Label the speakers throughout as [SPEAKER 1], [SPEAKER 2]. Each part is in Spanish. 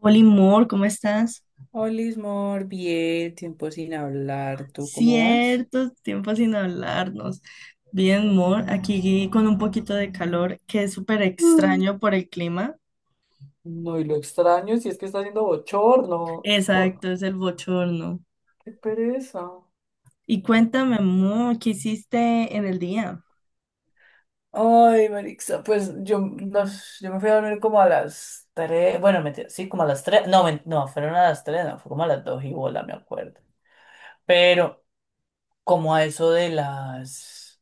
[SPEAKER 1] Oli Mor, ¿cómo estás?
[SPEAKER 2] Olis, mor, bien, tiempo sin hablar. ¿Tú cómo vas?
[SPEAKER 1] Cierto tiempo sin hablarnos. Bien, Mor, aquí con un poquito de calor, que es súper
[SPEAKER 2] Mm.
[SPEAKER 1] extraño por el clima.
[SPEAKER 2] No, y lo extraño si es que está haciendo bochorno. Oh,
[SPEAKER 1] Exacto, es el bochorno.
[SPEAKER 2] qué pereza.
[SPEAKER 1] Y cuéntame, Mor, ¿qué hiciste en el día?
[SPEAKER 2] Ay, Marixa, pues yo me fui a dormir como a las tres, bueno, mentira, sí, como a las 3, no, no, fueron a las 3, no, fue como a las 2 y bola, me acuerdo. Pero como a eso de las,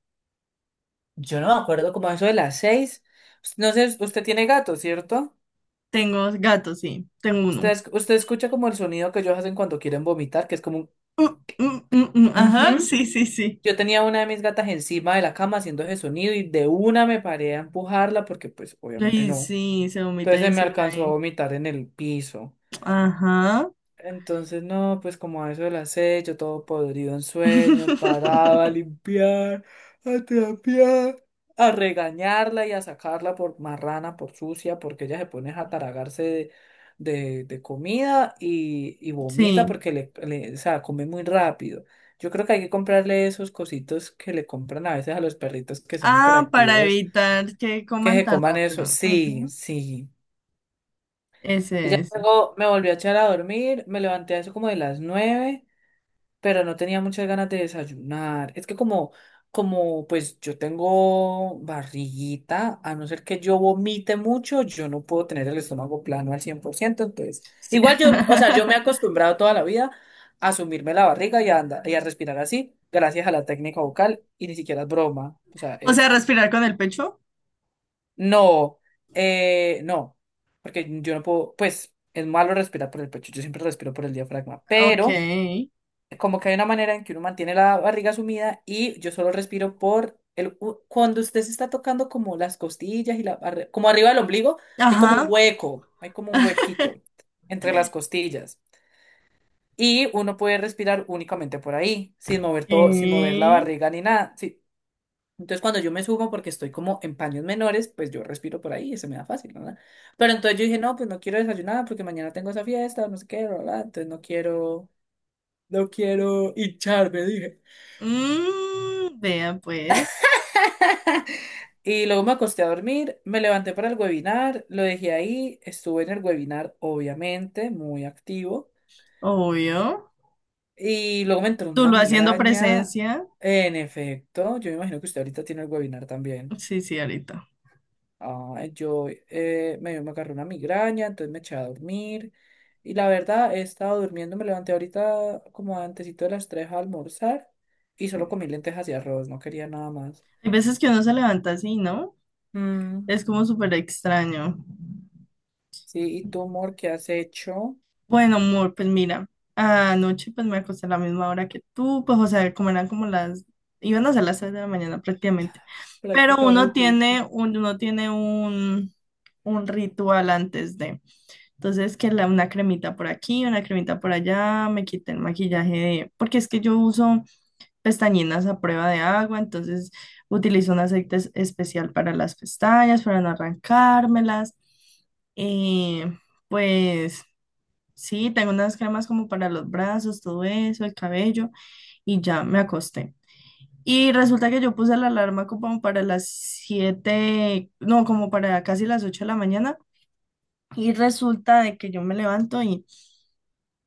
[SPEAKER 2] yo no me acuerdo, como a eso de las 6, no sé, usted tiene gato, ¿cierto?
[SPEAKER 1] Tengo gatos, sí, tengo
[SPEAKER 2] Usted,
[SPEAKER 1] uno.
[SPEAKER 2] es- usted escucha como el sonido que ellos hacen cuando quieren vomitar, que es como un.
[SPEAKER 1] Mm, mm, mm, ajá,
[SPEAKER 2] Ujú.
[SPEAKER 1] sí, sí, sí.
[SPEAKER 2] Yo tenía una de mis gatas encima de la cama haciendo ese sonido y de una me paré a empujarla porque pues obviamente
[SPEAKER 1] Ay,
[SPEAKER 2] no.
[SPEAKER 1] sí, se vomita
[SPEAKER 2] Entonces se me
[SPEAKER 1] encima de
[SPEAKER 2] alcanzó a
[SPEAKER 1] mí.
[SPEAKER 2] vomitar en el piso.
[SPEAKER 1] Ajá.
[SPEAKER 2] Entonces, no, pues como a eso de las seis, yo todo podrido en sueño, parado a limpiar, a trapear, a regañarla y a sacarla por marrana, por sucia, porque ella se pone a taragarse de comida y vomita
[SPEAKER 1] Sí.
[SPEAKER 2] porque o sea, come muy rápido. Yo creo que hay que comprarle esos cositos que le compran a veces a los perritos que son
[SPEAKER 1] Ah, para
[SPEAKER 2] hiperactivos,
[SPEAKER 1] evitar que
[SPEAKER 2] que
[SPEAKER 1] coman
[SPEAKER 2] se
[SPEAKER 1] tan
[SPEAKER 2] coman
[SPEAKER 1] rápido.
[SPEAKER 2] eso. Sí, sí. Y
[SPEAKER 1] Ese
[SPEAKER 2] ya
[SPEAKER 1] es.
[SPEAKER 2] luego me volví a echar a dormir, me levanté a eso como de las nueve, pero no tenía muchas ganas de desayunar. Es que como pues yo tengo barriguita, a no ser que yo vomite mucho, yo no puedo tener el estómago plano al cien por ciento, entonces,
[SPEAKER 1] Sí.
[SPEAKER 2] igual yo, o sea, yo me he acostumbrado toda la vida a sumirme la barriga y a andar, y a respirar así, gracias a la técnica vocal, y ni siquiera es broma, o sea,
[SPEAKER 1] O sea,
[SPEAKER 2] es,
[SPEAKER 1] respirar con el pecho.
[SPEAKER 2] no, no, porque yo no puedo, pues, es malo respirar por el pecho, yo siempre respiro por el diafragma,
[SPEAKER 1] Ok.
[SPEAKER 2] pero como que hay una manera en que uno mantiene la barriga sumida y yo solo respiro por cuando usted se está tocando como las costillas y como arriba del ombligo, hay como un
[SPEAKER 1] Ajá.
[SPEAKER 2] hueco, hay como un huequito entre las costillas y uno puede respirar únicamente por ahí, sin mover todo, sin mover la
[SPEAKER 1] Sí.
[SPEAKER 2] barriga ni nada. Sí. Entonces cuando yo me subo porque estoy como en paños menores, pues yo respiro por ahí y se me da fácil, ¿verdad? Pero entonces yo dije, no, pues no quiero desayunar porque mañana tengo esa fiesta, no sé qué, ¿verdad? Entonces no quiero, no quiero hincharme, dije.
[SPEAKER 1] Mm, vea pues.
[SPEAKER 2] Y luego me acosté a dormir, me levanté para el webinar, lo dejé ahí, estuve en el webinar, obviamente, muy activo.
[SPEAKER 1] Obvio.
[SPEAKER 2] Y luego me entró
[SPEAKER 1] Tú
[SPEAKER 2] una
[SPEAKER 1] lo haciendo
[SPEAKER 2] migraña.
[SPEAKER 1] presencia.
[SPEAKER 2] En efecto, yo me imagino que usted ahorita tiene el webinar también.
[SPEAKER 1] Sí, sí, ahorita.
[SPEAKER 2] Ah, yo me agarré una migraña, entonces me eché a dormir. Y la verdad, he estado durmiendo, me levanté ahorita como antesito de las 3 a almorzar y solo comí lentejas y arroz, no quería nada más.
[SPEAKER 1] Hay veces que uno se levanta así, ¿no?
[SPEAKER 2] Mm,
[SPEAKER 1] Es como súper extraño.
[SPEAKER 2] sí, ¿y tú, amor, qué has hecho?
[SPEAKER 1] Bueno, amor, pues mira, anoche pues me acosté a la misma hora que tú, pues o sea, como eran como las, iban a ser las 3 de la mañana prácticamente, pero uno
[SPEAKER 2] Prácticamente, sí.
[SPEAKER 1] tiene un, uno tiene un, un ritual antes de, entonces que la, una cremita por aquí, una cremita por allá, me quité el maquillaje de, porque es que yo uso pestañinas a prueba de agua, entonces utilizo un aceite especial para las pestañas, para no arrancármelas, eh, pues. Sí, tengo unas cremas como para los brazos, todo eso, el cabello, y ya me acosté. Y resulta que yo puse la alarma como para las 7, no, como para casi las 8 de la mañana. Y resulta de que yo me levanto y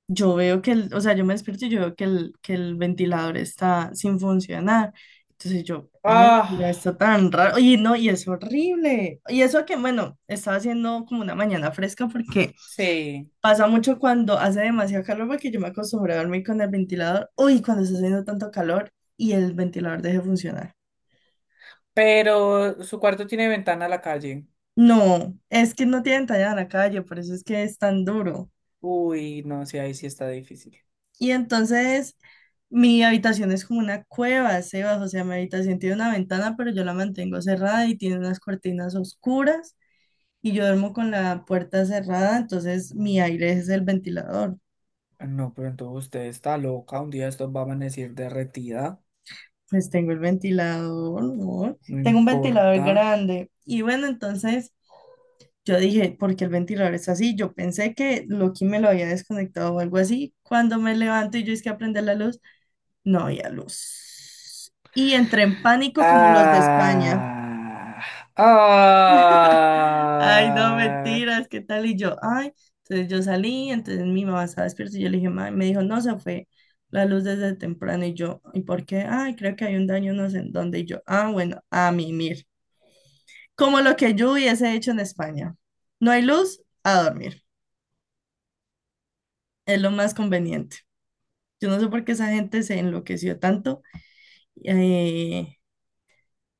[SPEAKER 1] yo veo que, el, o sea, yo me despierto y yo veo que el ventilador está sin funcionar. Entonces yo, ay, mira,
[SPEAKER 2] Ah,
[SPEAKER 1] está tan raro. Y no, y es horrible. Y eso que, bueno, estaba haciendo como una mañana fresca porque
[SPEAKER 2] sí.
[SPEAKER 1] pasa mucho cuando hace demasiado calor porque yo me acostumbré a dormir con el ventilador. Uy, cuando está haciendo tanto calor y el ventilador deje de funcionar.
[SPEAKER 2] Pero su cuarto tiene ventana a la calle.
[SPEAKER 1] No, es que no tienen talla en la calle, por eso es que es tan duro.
[SPEAKER 2] Uy, no, sí, ahí sí está difícil.
[SPEAKER 1] Y entonces mi habitación es como una cueva, Sebas, o sea, mi habitación tiene una ventana, pero yo la mantengo cerrada y tiene unas cortinas oscuras y yo duermo con la puerta cerrada, entonces mi aire es el ventilador.
[SPEAKER 2] No, pero entonces usted está loca. Un día esto va a amanecer derretida.
[SPEAKER 1] Pues tengo el ventilador, ¿no?
[SPEAKER 2] No
[SPEAKER 1] Tengo un ventilador
[SPEAKER 2] importa.
[SPEAKER 1] grande. Y bueno, entonces yo dije, ¿por qué el ventilador es así? Yo pensé que Loki me lo había desconectado o algo así. Cuando me levanto y yo es que aprender la luz, no había luz. Y entré en pánico como los de España.
[SPEAKER 2] Ah,
[SPEAKER 1] Ay, no,
[SPEAKER 2] ah.
[SPEAKER 1] mentiras, ¿qué tal? Y yo, ay, entonces yo salí, entonces mi mamá estaba despierta y yo le dije, mamá, me dijo, no, se fue la luz desde temprano. Y yo, ¿y por qué? Ay, creo que hay un daño, no sé en dónde. Y yo, ah, bueno, a mimir. Como lo que yo hubiese hecho en España. No hay luz, a dormir. Es lo más conveniente. Yo no sé por qué esa gente se enloqueció tanto, eh,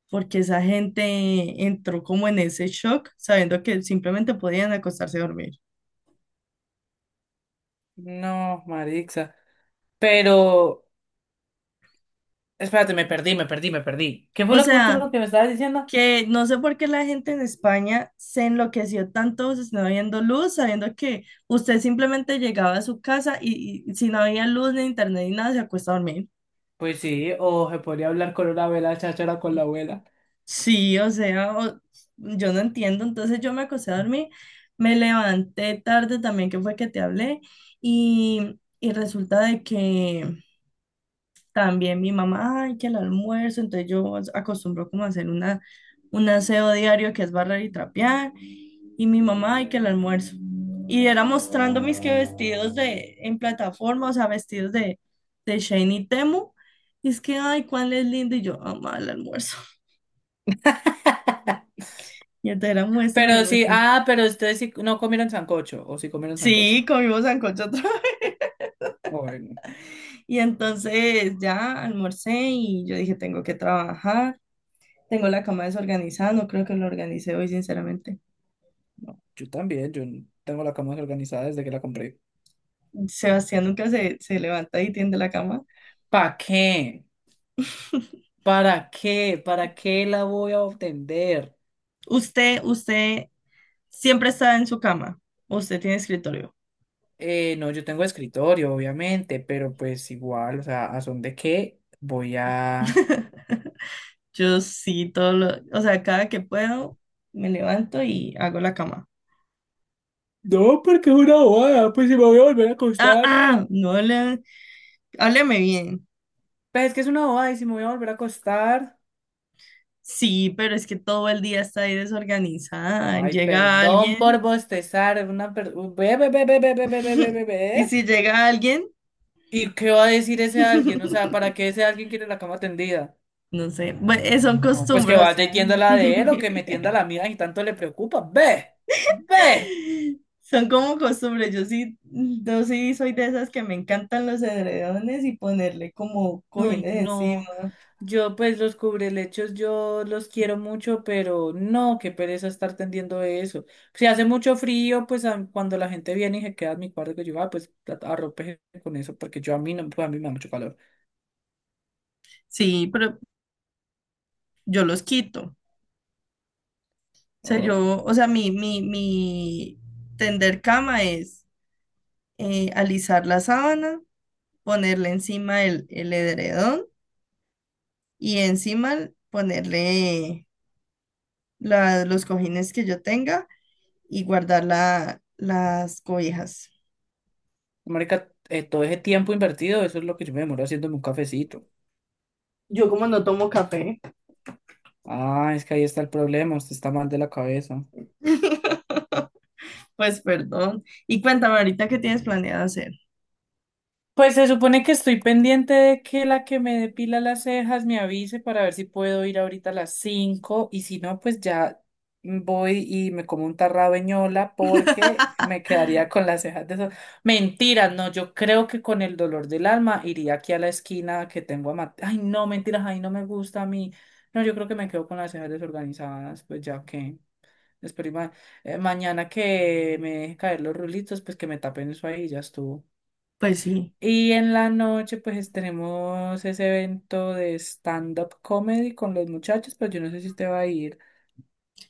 [SPEAKER 1] porque esa gente entró como en ese shock, sabiendo que simplemente podían acostarse a dormir.
[SPEAKER 2] No, Marixa. Pero, espérate, me perdí, me perdí, me perdí. ¿Qué fue
[SPEAKER 1] O
[SPEAKER 2] lo que
[SPEAKER 1] sea,
[SPEAKER 2] último que me estabas diciendo?
[SPEAKER 1] que no sé por qué la gente en España se enloqueció tanto si no habiendo luz, sabiendo que usted simplemente llegaba a su casa y si no había luz ni internet ni nada, se acuesta a dormir.
[SPEAKER 2] Pues sí, o se podría hablar con una abuela cháchara con la abuela.
[SPEAKER 1] Sí, o sea, yo no entiendo. Entonces yo me acosté a dormir, me levanté tarde también, que fue que te hablé, y resulta de que también mi mamá, ay, que el almuerzo, entonces yo acostumbro como a hacer una, un aseo diario que es barrer y trapear, y mi mamá, ay, que el almuerzo. Y era mostrando mis que vestidos en plataforma, o sea, vestidos de Shane y Temu, y es que, ay, cuál es lindo, y yo, mamá, el almuerzo. Y entonces era muestra, me
[SPEAKER 2] Pero sí,
[SPEAKER 1] muestra.
[SPEAKER 2] ah, pero ustedes sí no comieron sancocho, o sí comieron sancocho.
[SPEAKER 1] Sí, comimos sancocho otra vez.
[SPEAKER 2] Bueno,
[SPEAKER 1] Y entonces ya almorcé y yo dije, tengo que trabajar. Tengo la cama desorganizada, no creo que lo organice hoy, sinceramente.
[SPEAKER 2] no, yo también, yo tengo la cama organizada desde que la compré.
[SPEAKER 1] Sebastián nunca se levanta y tiende la cama.
[SPEAKER 2] ¿Para qué? ¿Para qué? ¿Para qué la voy a obtener?
[SPEAKER 1] Usted siempre está en su cama. ¿O Usted tiene escritorio.
[SPEAKER 2] No, yo tengo escritorio, obviamente, pero pues igual, o sea, ¿a son de qué voy a...?
[SPEAKER 1] Yo sí, todo lo, o sea, cada que puedo me levanto y hago la cama.
[SPEAKER 2] No, porque es una bobada, pues si me voy a volver a
[SPEAKER 1] Ah,
[SPEAKER 2] acostar.
[SPEAKER 1] ah, no le, hábleme bien.
[SPEAKER 2] Pues es que es una bobada y si me voy a volver a acostar.
[SPEAKER 1] Sí, pero es que todo el día está ahí desorganizada.
[SPEAKER 2] Ay,
[SPEAKER 1] Llega
[SPEAKER 2] perdón por
[SPEAKER 1] alguien
[SPEAKER 2] bostezar. Una per... Ve, ve, ve, ve, ve, ve, ve, ve, ve, ve,
[SPEAKER 1] y
[SPEAKER 2] ve.
[SPEAKER 1] si llega alguien,
[SPEAKER 2] ¿Y qué va a decir ese alguien? O sea, ¿para qué ese alguien quiere la cama tendida?
[SPEAKER 1] no sé, bueno, son
[SPEAKER 2] No, pues que
[SPEAKER 1] costumbres, o
[SPEAKER 2] vaya y
[SPEAKER 1] sea,
[SPEAKER 2] tienda la de él o que me tienda la mía y tanto le preocupa. ¡Ve! ¡Ve!
[SPEAKER 1] son como costumbres. Yo sí, yo sí soy de esas que me encantan los edredones y ponerle como
[SPEAKER 2] Ay,
[SPEAKER 1] cojines encima.
[SPEAKER 2] no. Yo, pues, los cubrelechos, yo los quiero mucho, pero no, qué pereza estar tendiendo eso. Si hace mucho frío, pues cuando la gente viene y se queda en mi cuarto, que yo, ah, pues arrope con eso, porque yo a mí no, pues a mí me da mucho calor.
[SPEAKER 1] Sí, pero yo los quito. O sea,
[SPEAKER 2] Ay, no.
[SPEAKER 1] yo, o sea, mi tender cama es alisar la sábana, ponerle encima el edredón y encima ponerle los cojines que yo tenga y guardar las cobijas.
[SPEAKER 2] Marica, todo ese tiempo invertido, eso es lo que yo me demoro haciéndome un cafecito.
[SPEAKER 1] Yo como no tomo café.
[SPEAKER 2] Ah, es que ahí está el problema, usted está mal de la cabeza.
[SPEAKER 1] Pues perdón. Y cuéntame ahorita qué tienes planeado hacer.
[SPEAKER 2] Pues se supone que estoy pendiente de que la que me depila las cejas me avise para ver si puedo ir ahorita a las 5 y si no, pues ya voy y me como un tarrabeñola porque me quedaría con las cejas de esas. Mentira, no, yo creo que con el dolor del alma iría aquí a la esquina que tengo a Mateo. Ay, no, mentiras, ay, no me gusta a mí. No, yo creo que me quedo con las cejas desorganizadas, pues ya que. Espero y mañana que me deje caer los rulitos, pues que me tapen eso ahí, ya estuvo.
[SPEAKER 1] Pues sí,
[SPEAKER 2] Y en la noche, pues tenemos ese evento de stand-up comedy con los muchachos, pero yo no sé si te va a ir.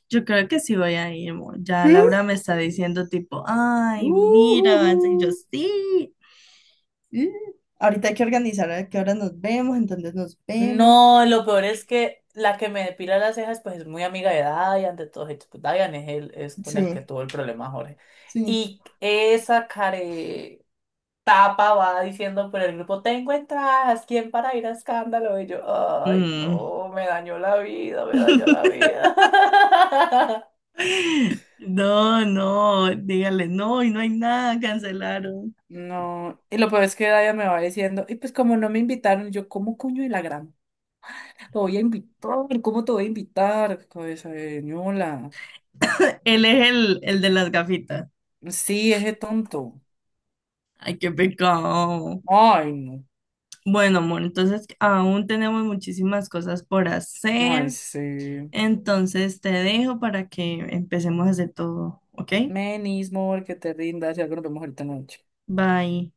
[SPEAKER 1] yo creo que sí voy a ir, amor. Ya
[SPEAKER 2] ¿Sí?
[SPEAKER 1] Laura me está diciendo tipo, ay, mira, vas a ir". Y yo
[SPEAKER 2] Ujujú.
[SPEAKER 1] sí. "Sí". Ahorita hay que organizar a qué hora nos vemos, entonces nos vemos.
[SPEAKER 2] No, lo peor es que la que me depila las cejas, pues es muy amiga de Dayan, de todos hechos. Pues Dayan es, el, es con el que
[SPEAKER 1] Sí,
[SPEAKER 2] tuvo el problema Jorge.
[SPEAKER 1] sí.
[SPEAKER 2] Y esa care. Tapa va diciendo por el grupo, tengo entradas, ¿quién para ir a escándalo? Y yo, ay,
[SPEAKER 1] Mm.
[SPEAKER 2] no, me dañó la vida, me dañó la vida.
[SPEAKER 1] No, no, dígale, no, y no hay nada, cancelaron.
[SPEAKER 2] No, y lo peor es que Daya me va diciendo, y pues como no me invitaron, yo, ¿cómo coño de la gran? Lo voy a invitar, ¿cómo te voy a invitar? Cabeza de ñola.
[SPEAKER 1] Él es el de las gafitas.
[SPEAKER 2] Sí, ese tonto.
[SPEAKER 1] Ay, qué pecado.
[SPEAKER 2] Ay, no.
[SPEAKER 1] Bueno, amor, entonces aún tenemos muchísimas cosas por
[SPEAKER 2] Ay,
[SPEAKER 1] hacer.
[SPEAKER 2] sí.
[SPEAKER 1] Entonces te dejo para que empecemos a hacer todo, ¿ok?
[SPEAKER 2] Menis, amor, que te rindas, ya que nos vemos ahorita en la noche.
[SPEAKER 1] Bye.